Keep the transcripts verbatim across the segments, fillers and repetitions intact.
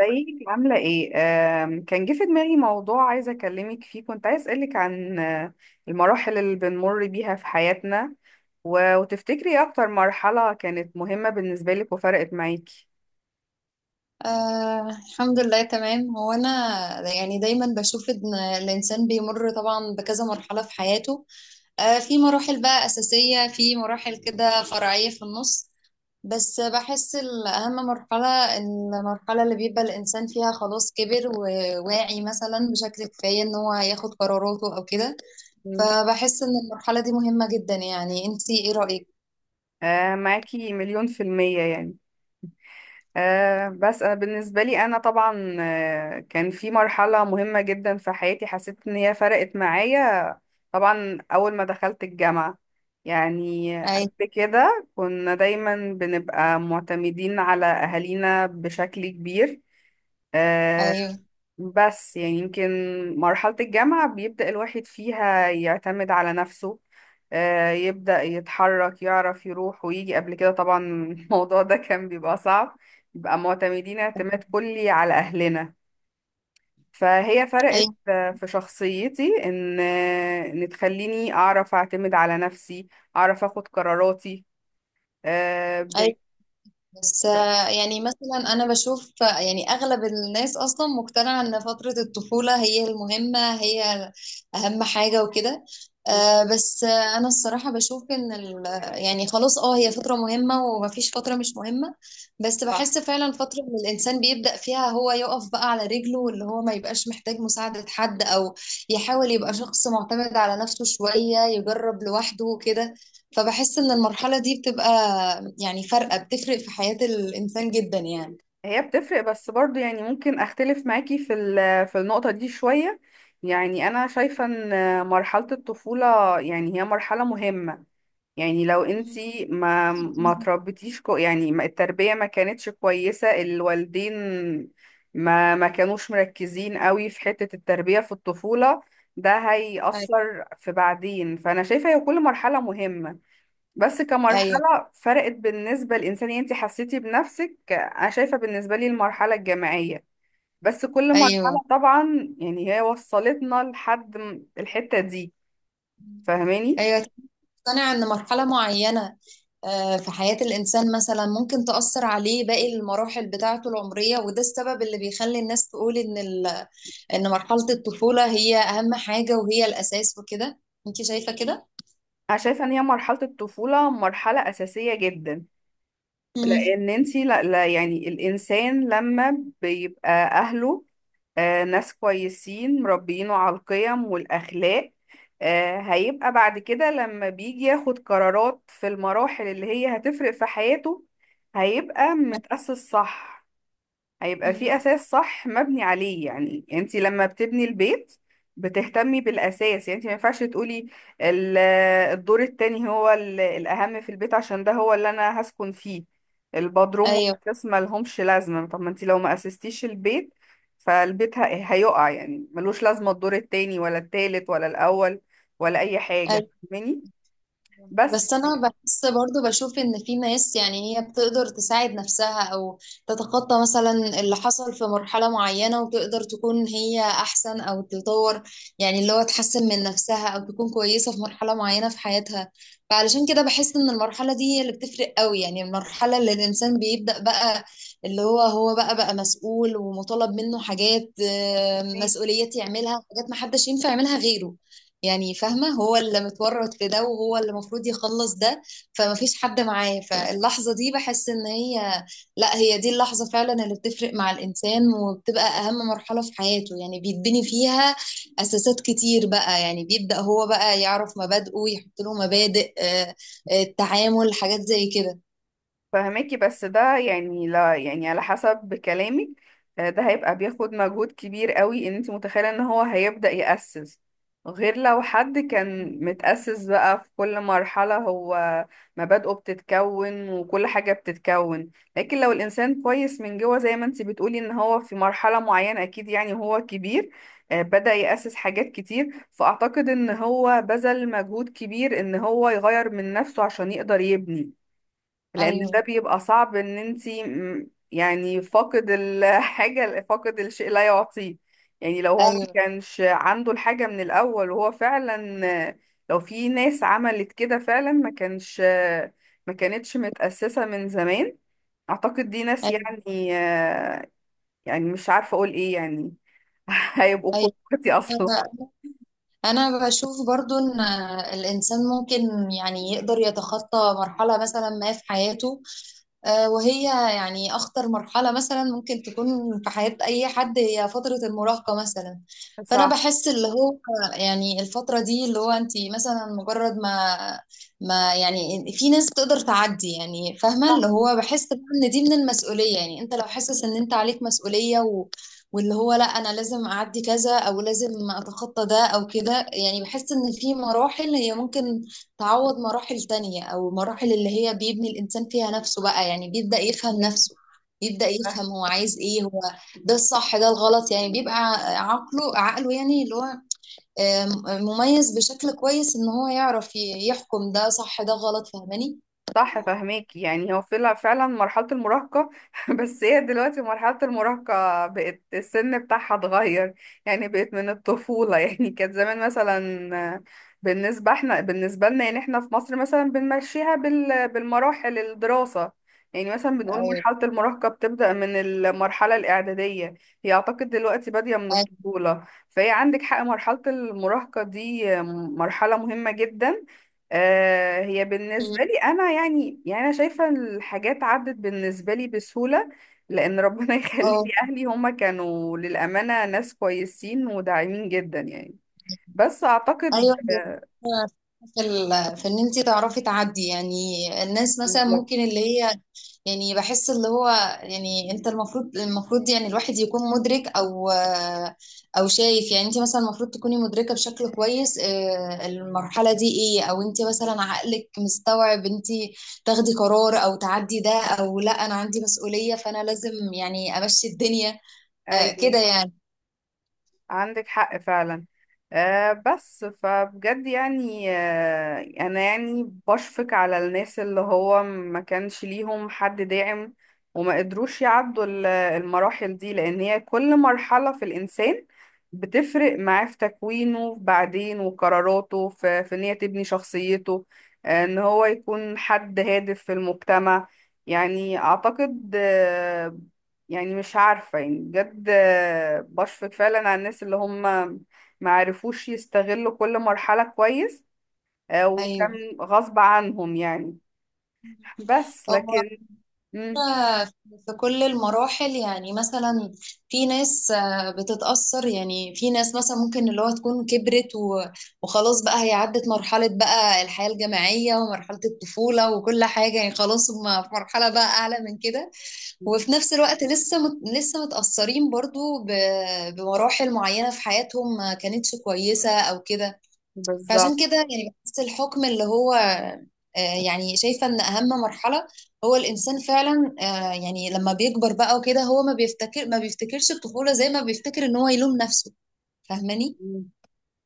ازيك عاملة ايه؟ آم، كان جه في دماغي موضوع عايزة اكلمك فيه. كنت عايز اسألك عن آه، المراحل اللي بنمر بيها في حياتنا، و- وتفتكري ايه اكتر مرحلة كانت مهمة بالنسبة لك وفرقت معاكي؟ آه، الحمد لله تمام. هو انا يعني دايما بشوف ان الانسان بيمر طبعا بكذا مرحله في حياته. آه، في مراحل بقى اساسيه، في مراحل كده فرعيه في النص، بس بحس الاهم مرحله المرحله اللي بيبقى الانسان فيها خلاص كبر وواعي مثلا بشكل كفايه ان هو ياخد قراراته او كده. مم. فبحس ان المرحله دي مهمه جدا. يعني انتي ايه رايك؟ آه، معاكي مليون في المية يعني. آه، بس أنا بالنسبة لي أنا طبعا، آه، كان في مرحلة مهمة جدا في حياتي، حسيت إن هي فرقت معايا. طبعا أول ما دخلت الجامعة، يعني اي، قبل كده كنا دايما بنبقى معتمدين على أهالينا بشكل كبير. آه، ايوه، بس يعني يمكن مرحلة الجامعة بيبدأ الواحد فيها يعتمد على نفسه، آه، يبدأ يتحرك، يعرف يروح ويجي. قبل كده طبعا الموضوع ده كان بيبقى صعب، بيبقى معتمدين اعتماد كلي على أهلنا. فهي فرقت ايوه آه، في شخصيتي، ان آه، ان تخليني اعرف اعتمد على نفسي، اعرف اخد قراراتي آه، ايوه. بعيد. بس آه، يعني مثلا انا بشوف، آه، يعني اغلب الناس اصلا مقتنعه ان فتره الطفوله هي المهمه، هي اهم حاجه وكده. آه، بس آه، انا الصراحه بشوف ان ال- يعني خلاص اه هي فتره مهمه ومفيش فتره مش مهمه، بس صح. بحس فعلا فتره اللي الانسان بيبدا فيها هو يقف بقى على رجله، واللي هو ما يبقاش محتاج مساعده حد، او يحاول يبقى شخص معتمد على نفسه شويه، يجرب لوحده وكده. فبحس ان المرحلة دي بتبقى يعني فارقة، بتفرق في حياة الانسان جدا يعني. هي بتفرق، بس برضو يعني ممكن اختلف معاكي في ال- في النقطة دي شوية. يعني انا شايفة ان مرحلة الطفولة، يعني هي مرحلة مهمة. يعني لو مم. انتي ما ما تربيتيش كو، يعني ما التربية ما كانتش كويسة الوالدين، ما ما كانوش مركزين قوي في حتة التربية في الطفولة، ده ايوه هيأثر في بعدين. فأنا شايفة هي كل مرحلة مهمة، بس ايوه كمرحلة فرقت بالنسبة للإنسان، يعني انتي حسيتي بنفسك. أنا شايفة بالنسبة لي المرحلة الجامعية، بس كل ايوه مرحلة طبعا يعني هي وصلتنا لحد م- الحتة دي. فاهماني؟ ايوه. تقتنع ان مرحلة معينة آه، في حياة الانسان مثلا ممكن تأثر عليه باقي المراحل بتاعته العمرية، وده السبب اللي بيخلي الناس تقول ان ال... ان مرحلة الطفولة هي اهم حاجة وهي الاساس وكده. انت شايفة كده؟ انا شايفه ان هي مرحله الطفوله مرحله اساسيه جدا، مم. لان انتي لا, لا، يعني الانسان لما بيبقى اهله آه ناس كويسين مربيينه على القيم والاخلاق، آه هيبقى بعد كده لما بيجي ياخد قرارات في المراحل اللي هي هتفرق في حياته، هيبقى متأسس، صح؟ هيبقى في مم. اساس صح مبني عليه. يعني انت لما بتبني البيت بتهتمي بالاساس. يعني انت ما ينفعش تقولي ال- الدور التاني هو ال- الاهم في البيت عشان ده هو اللي انا هسكن فيه، البدروم ايوه. والاساس ما لهمش لازمه. طب ما انت لو ما اسستيش البيت فالبيت ه- هيقع، يعني ملوش لازمه الدور التاني ولا التالت ولا الاول ولا اي حاجه. فاهماني؟ بس بس انا بحس برضو بشوف ان في ناس يعني هي بتقدر تساعد نفسها او تتخطى مثلا اللي حصل في مرحلة معينة، وتقدر تكون هي احسن او تطور، يعني اللي هو تحسن من نفسها او تكون كويسة في مرحلة معينة في حياتها. فعلشان كده بحس ان المرحلة دي هي اللي بتفرق قوي، يعني المرحلة اللي الانسان بيبدأ بقى اللي هو هو بقى بقى مسؤول ومطالب منه حاجات، آه، فهماكي. مسؤوليات يعملها، حاجات محدش ينفع يعملها غيره. يعني فاهمة، هو اللي متورط في ده وهو اللي المفروض يخلص ده، فما فيش حد معاه. فاللحظة دي بحس ان هي، لا هي دي اللحظة فعلا اللي بتفرق مع الانسان، وبتبقى اهم مرحلة في حياته. يعني بيتبني فيها اساسات كتير بقى، يعني بيبدأ هو بقى يعرف مبادئه، يحط له مبادئ، آه، آه، التعامل حاجات زي كده. فهماكي، بس ده يعني لا، يعني على حسب كلامك آه، ده هيبقى بياخد مجهود كبير قوي، ان انت متخيلة ان هو هيبدأ يأسس غير لو حد كان متأسس بقى في كل مرحلة. هو مبادئه بتتكون وكل حاجة بتتكون. لكن لو الإنسان كويس من جوه زي ما انت بتقولي ان هو في مرحلة معينة أكيد يعني هو كبير، آه، بدأ يأسس حاجات كتير. فأعتقد ان هو بذل مجهود كبير ان هو يغير من نفسه عشان يقدر يبني، لان ايوه ده بيبقى صعب. ان انتي م- يعني فاقد الحاجة، فاقد الشيء لا يعطيه. يعني لو هو ما ايوه كانش عنده الحاجة من الاول وهو فعلا، لو في ناس عملت كده فعلا ما كانش، ما كانتش متأسسة من زمان، اعتقد دي ناس ايوه يعني، يعني مش عارفة اقول ايه يعني. هيبقوا ايوه. كوكتي اصلا. انا بشوف برضو ان الانسان ممكن يعني يقدر يتخطى مرحلة مثلا ما في حياته. آه، وهي يعني أخطر مرحلة مثلا ممكن تكون في حياة أي حد هي فترة المراهقة مثلا. فأنا صح، بحس اللي هو يعني الفترة دي اللي هو أنت مثلا مجرد ما ما يعني في ناس تقدر تعدي. يعني فاهمة اللي هو بحس بقى إن دي من المسؤولية، يعني أنت لو حاسس إن أنت عليك مسؤولية و واللي هو لا أنا لازم أعدي كذا، أو لازم أتخطى ده أو كده. يعني بحس إن في مراحل هي ممكن تعوض مراحل تانية، أو المراحل اللي هي بيبني الإنسان فيها نفسه بقى، يعني بيبدأ يفهم نفسه، بيبدأ صح، يفهم هو عايز إيه، هو ده الصح ده الغلط. يعني بيبقى عقله عقله يعني اللي هو آم، مميز بشكل كويس إن هو يعرف ي- يحكم ده صح ده غلط. فاهماني؟ صح، فهماك. يعني هو فعلا فعلا مرحلة المراهقة. بس هي دلوقتي مرحلة المراهقة بقت السن بتاعها اتغير، يعني بقت من الطفولة. يعني كانت زمان مثلا بالنسبة احنا بالنسبة لنا، يعني احنا في مصر مثلا بنمشيها بال بالمراحل الدراسة. يعني مثلا بنقول أيوه. مرحلة المراهقة بتبدأ من المرحلة الإعدادية. هي أعتقد دلوقتي بادية من الطفولة. فهي عندك حق، مرحلة المراهقة دي مرحلة مهمة جدا. آه، هي أيوه. بالنسبة لي أنا يعني يعني أنا شايفة الحاجات عدت بالنسبة لي بسهولة. لأن ربنا يخلي لي أهلي، هما كانوا للأمانة ناس كويسين وداعمين جدا يعني. بس أعتقد. ايوه هي الفكرة في ال- في ان انت تعرفي تعدي يعني. الناس مثلا بالظبط. ممكن اللي هي يعني بحس اللي هو يعني انت المفروض المفروض يعني الواحد يكون مدرك او او شايف، يعني انت مثلا المفروض تكوني مدركة بشكل كويس، آه، المرحلة دي ايه، او انت مثلا عقلك مستوعب انت تاخدي قرار او تعدي ده، او لا انا عندي مسؤولية فانا لازم يعني امشي الدنيا آه، أيوه. كده يعني. عندك حق فعلا. آه بس فبجد يعني، آه انا يعني بشفق على الناس اللي هو ما كانش ليهم حد داعم، وما قدروش يعدوا ال- المراحل دي. لان هي كل مرحلة في الانسان بتفرق معاه في تكوينه بعدين وقراراته، في, في ان هي تبني شخصيته، آه ان هو يكون حد هادف في المجتمع يعني. اعتقد آه، يعني مش عارفة، يعني بجد آه، بشفق فعلا على الناس اللي هم ما عرفوش يستغلوا كل مرحلة كويس، آه، وكان ايوه. غصب عنهم يعني. بس هو لكن. مم. إحنا في كل المراحل يعني مثلا في ناس آه، بتتأثر، يعني في ناس مثلا ممكن اللي هو تكون كبرت و- وخلاص بقى هي عدت مرحلة بقى الحياة الجامعية ومرحلة الطفولة وكل حاجة، يعني خلاص هم في مرحلة بقى أعلى من كده، وفي نفس الوقت لسه مت لسه متأثرين برضو ب- بمراحل معينة في حياتهم ما كانتش كويسة أو كده. فعشان بالظبط. كده يعني بحس الحكم اللي هو آه، يعني شايفة إن أهم مرحلة هو الإنسان فعلا، آه، يعني لما بيكبر بقى وكده هو ما بيفتكر ما بيفتكرش الطفولة زي ما بيفتكر إن هو يلوم نفسه. فاهماني؟ مم.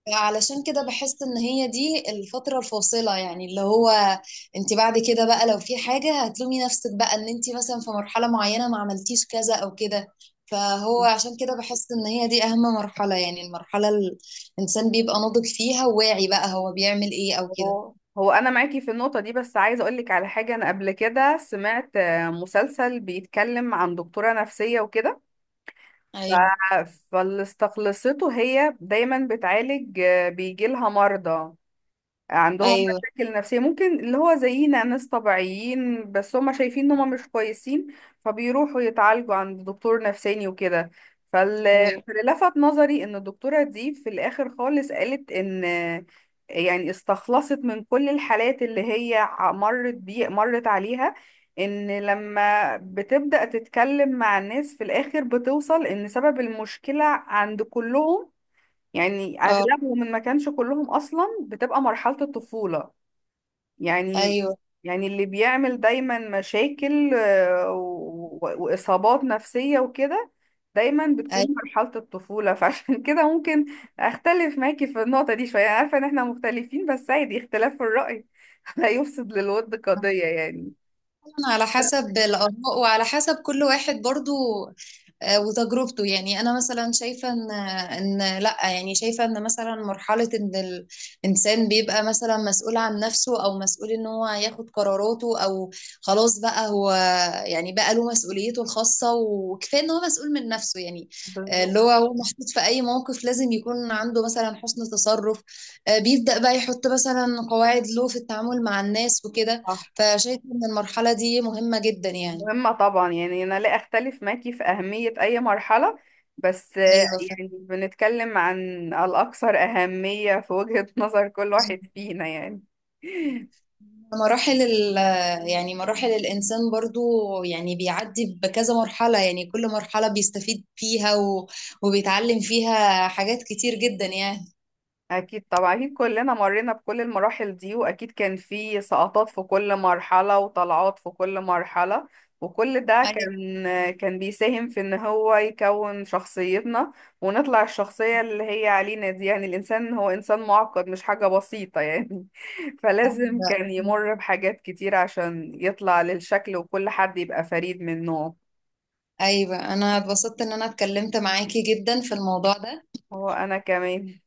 علشان كده بحس ان هي دي الفترة الفاصلة، يعني اللي هو انت بعد كده بقى لو في حاجة هتلومي نفسك بقى ان انت مثلا في مرحلة معينة ما عملتيش كذا او كده. فهو عشان كده بحس ان هي دي اهم مرحلة، يعني المرحلة ال- الانسان بيبقى ناضج فيها وواعي بقى هو بيعمل ايه او كده. هو هو انا معاكي في النقطه دي. بس عايزه اقول لك على حاجه، انا قبل كده سمعت آه، مسلسل بيتكلم عن دكتوره نفسيه وكده. ف... ايوه فاللي استخلصته هي دايما بتعالج، بيجي لها مرضى عندهم ايوه مشاكل نفسية، ممكن اللي هو زينا ناس طبيعيين بس هم شايفين ان هم مش كويسين. فبيروحوا يتعالجوا عند دكتور نفساني وكده. فال- ايوه فاللي لفت نظري ان الدكتورة دي في الاخر خالص قالت ان، يعني استخلصت من كل الحالات اللي هي ع- مرت بي، مرت عليها، ان لما بتبدأ تتكلم مع الناس في الاخر بتوصل ان سبب المشكلة عند كلهم، يعني اه اغلبهم، ان ما كانش كلهم اصلا بتبقى مرحلة الطفولة. يعني ايوه يعني اللي بيعمل دايما مشاكل آه، و- و- واصابات نفسية وكده دايما بتكون ايوه. مرحلة الطفولة. فعشان كده ممكن اختلف معاكي في النقطة دي شوية. أنا عارفة ان احنا مختلفين بس عادي، اختلاف في الرأي لا يفسد للود قضية يعني. طبعاً على بس. حسب الآراء، وعلى حسب كل واحد برضو آه، وتجربته. يعني أنا مثلا شايفة إن إن لأ، يعني شايفة إن مثلا مرحلة إن الإنسان بيبقى مثلا مسؤول عن نفسه، أو مسؤول إن هو ياخد قراراته، أو خلاص بقى هو يعني بقى له مسؤوليته الخاصة، وكفاية إن هو مسؤول من نفسه يعني. آه، بالظبط. اللي هو هو محطوط في أي موقف لازم يكون عنده مثلا حسن تصرف، آه، بيبدأ بقى يحط مثلا قواعد له في التعامل مع الناس وكده. صح. فشايفة إن المرحلة دي مهمة جدا يعني. مهمة طبعا يعني، أنا لا أختلف معاكي في أهمية أي مرحلة، بس آه، أيوة يعني فعلا. بنتكلم عن الأكثر أهمية في وجهة نظر كل واحد فينا يعني. مراحل ال يعني مراحل الإنسان برضو، يعني بيعدي بكذا مرحلة، يعني كل مرحلة بيستفيد فيها، و... وبيتعلم فيها حاجات كتير جدا يعني. أكيد طبعا، أكيد كلنا مرينا بكل المراحل دي، وأكيد كان في سقطات في كل مرحلة وطلعات في كل مرحلة، وكل ده أيوة كان كان بيساهم في إن هو يكون شخصيتنا ونطلع الشخصية اللي هي علينا دي. يعني الإنسان هو إنسان معقد، مش حاجة بسيطة يعني. فلازم كان يمر بحاجات كتير عشان يطلع للشكل وكل حد يبقى فريد من نوعه. أيوة. أنا اتبسطت إن أنا اتكلمت معاكي جدا في الموضوع ده. هو أنا كمان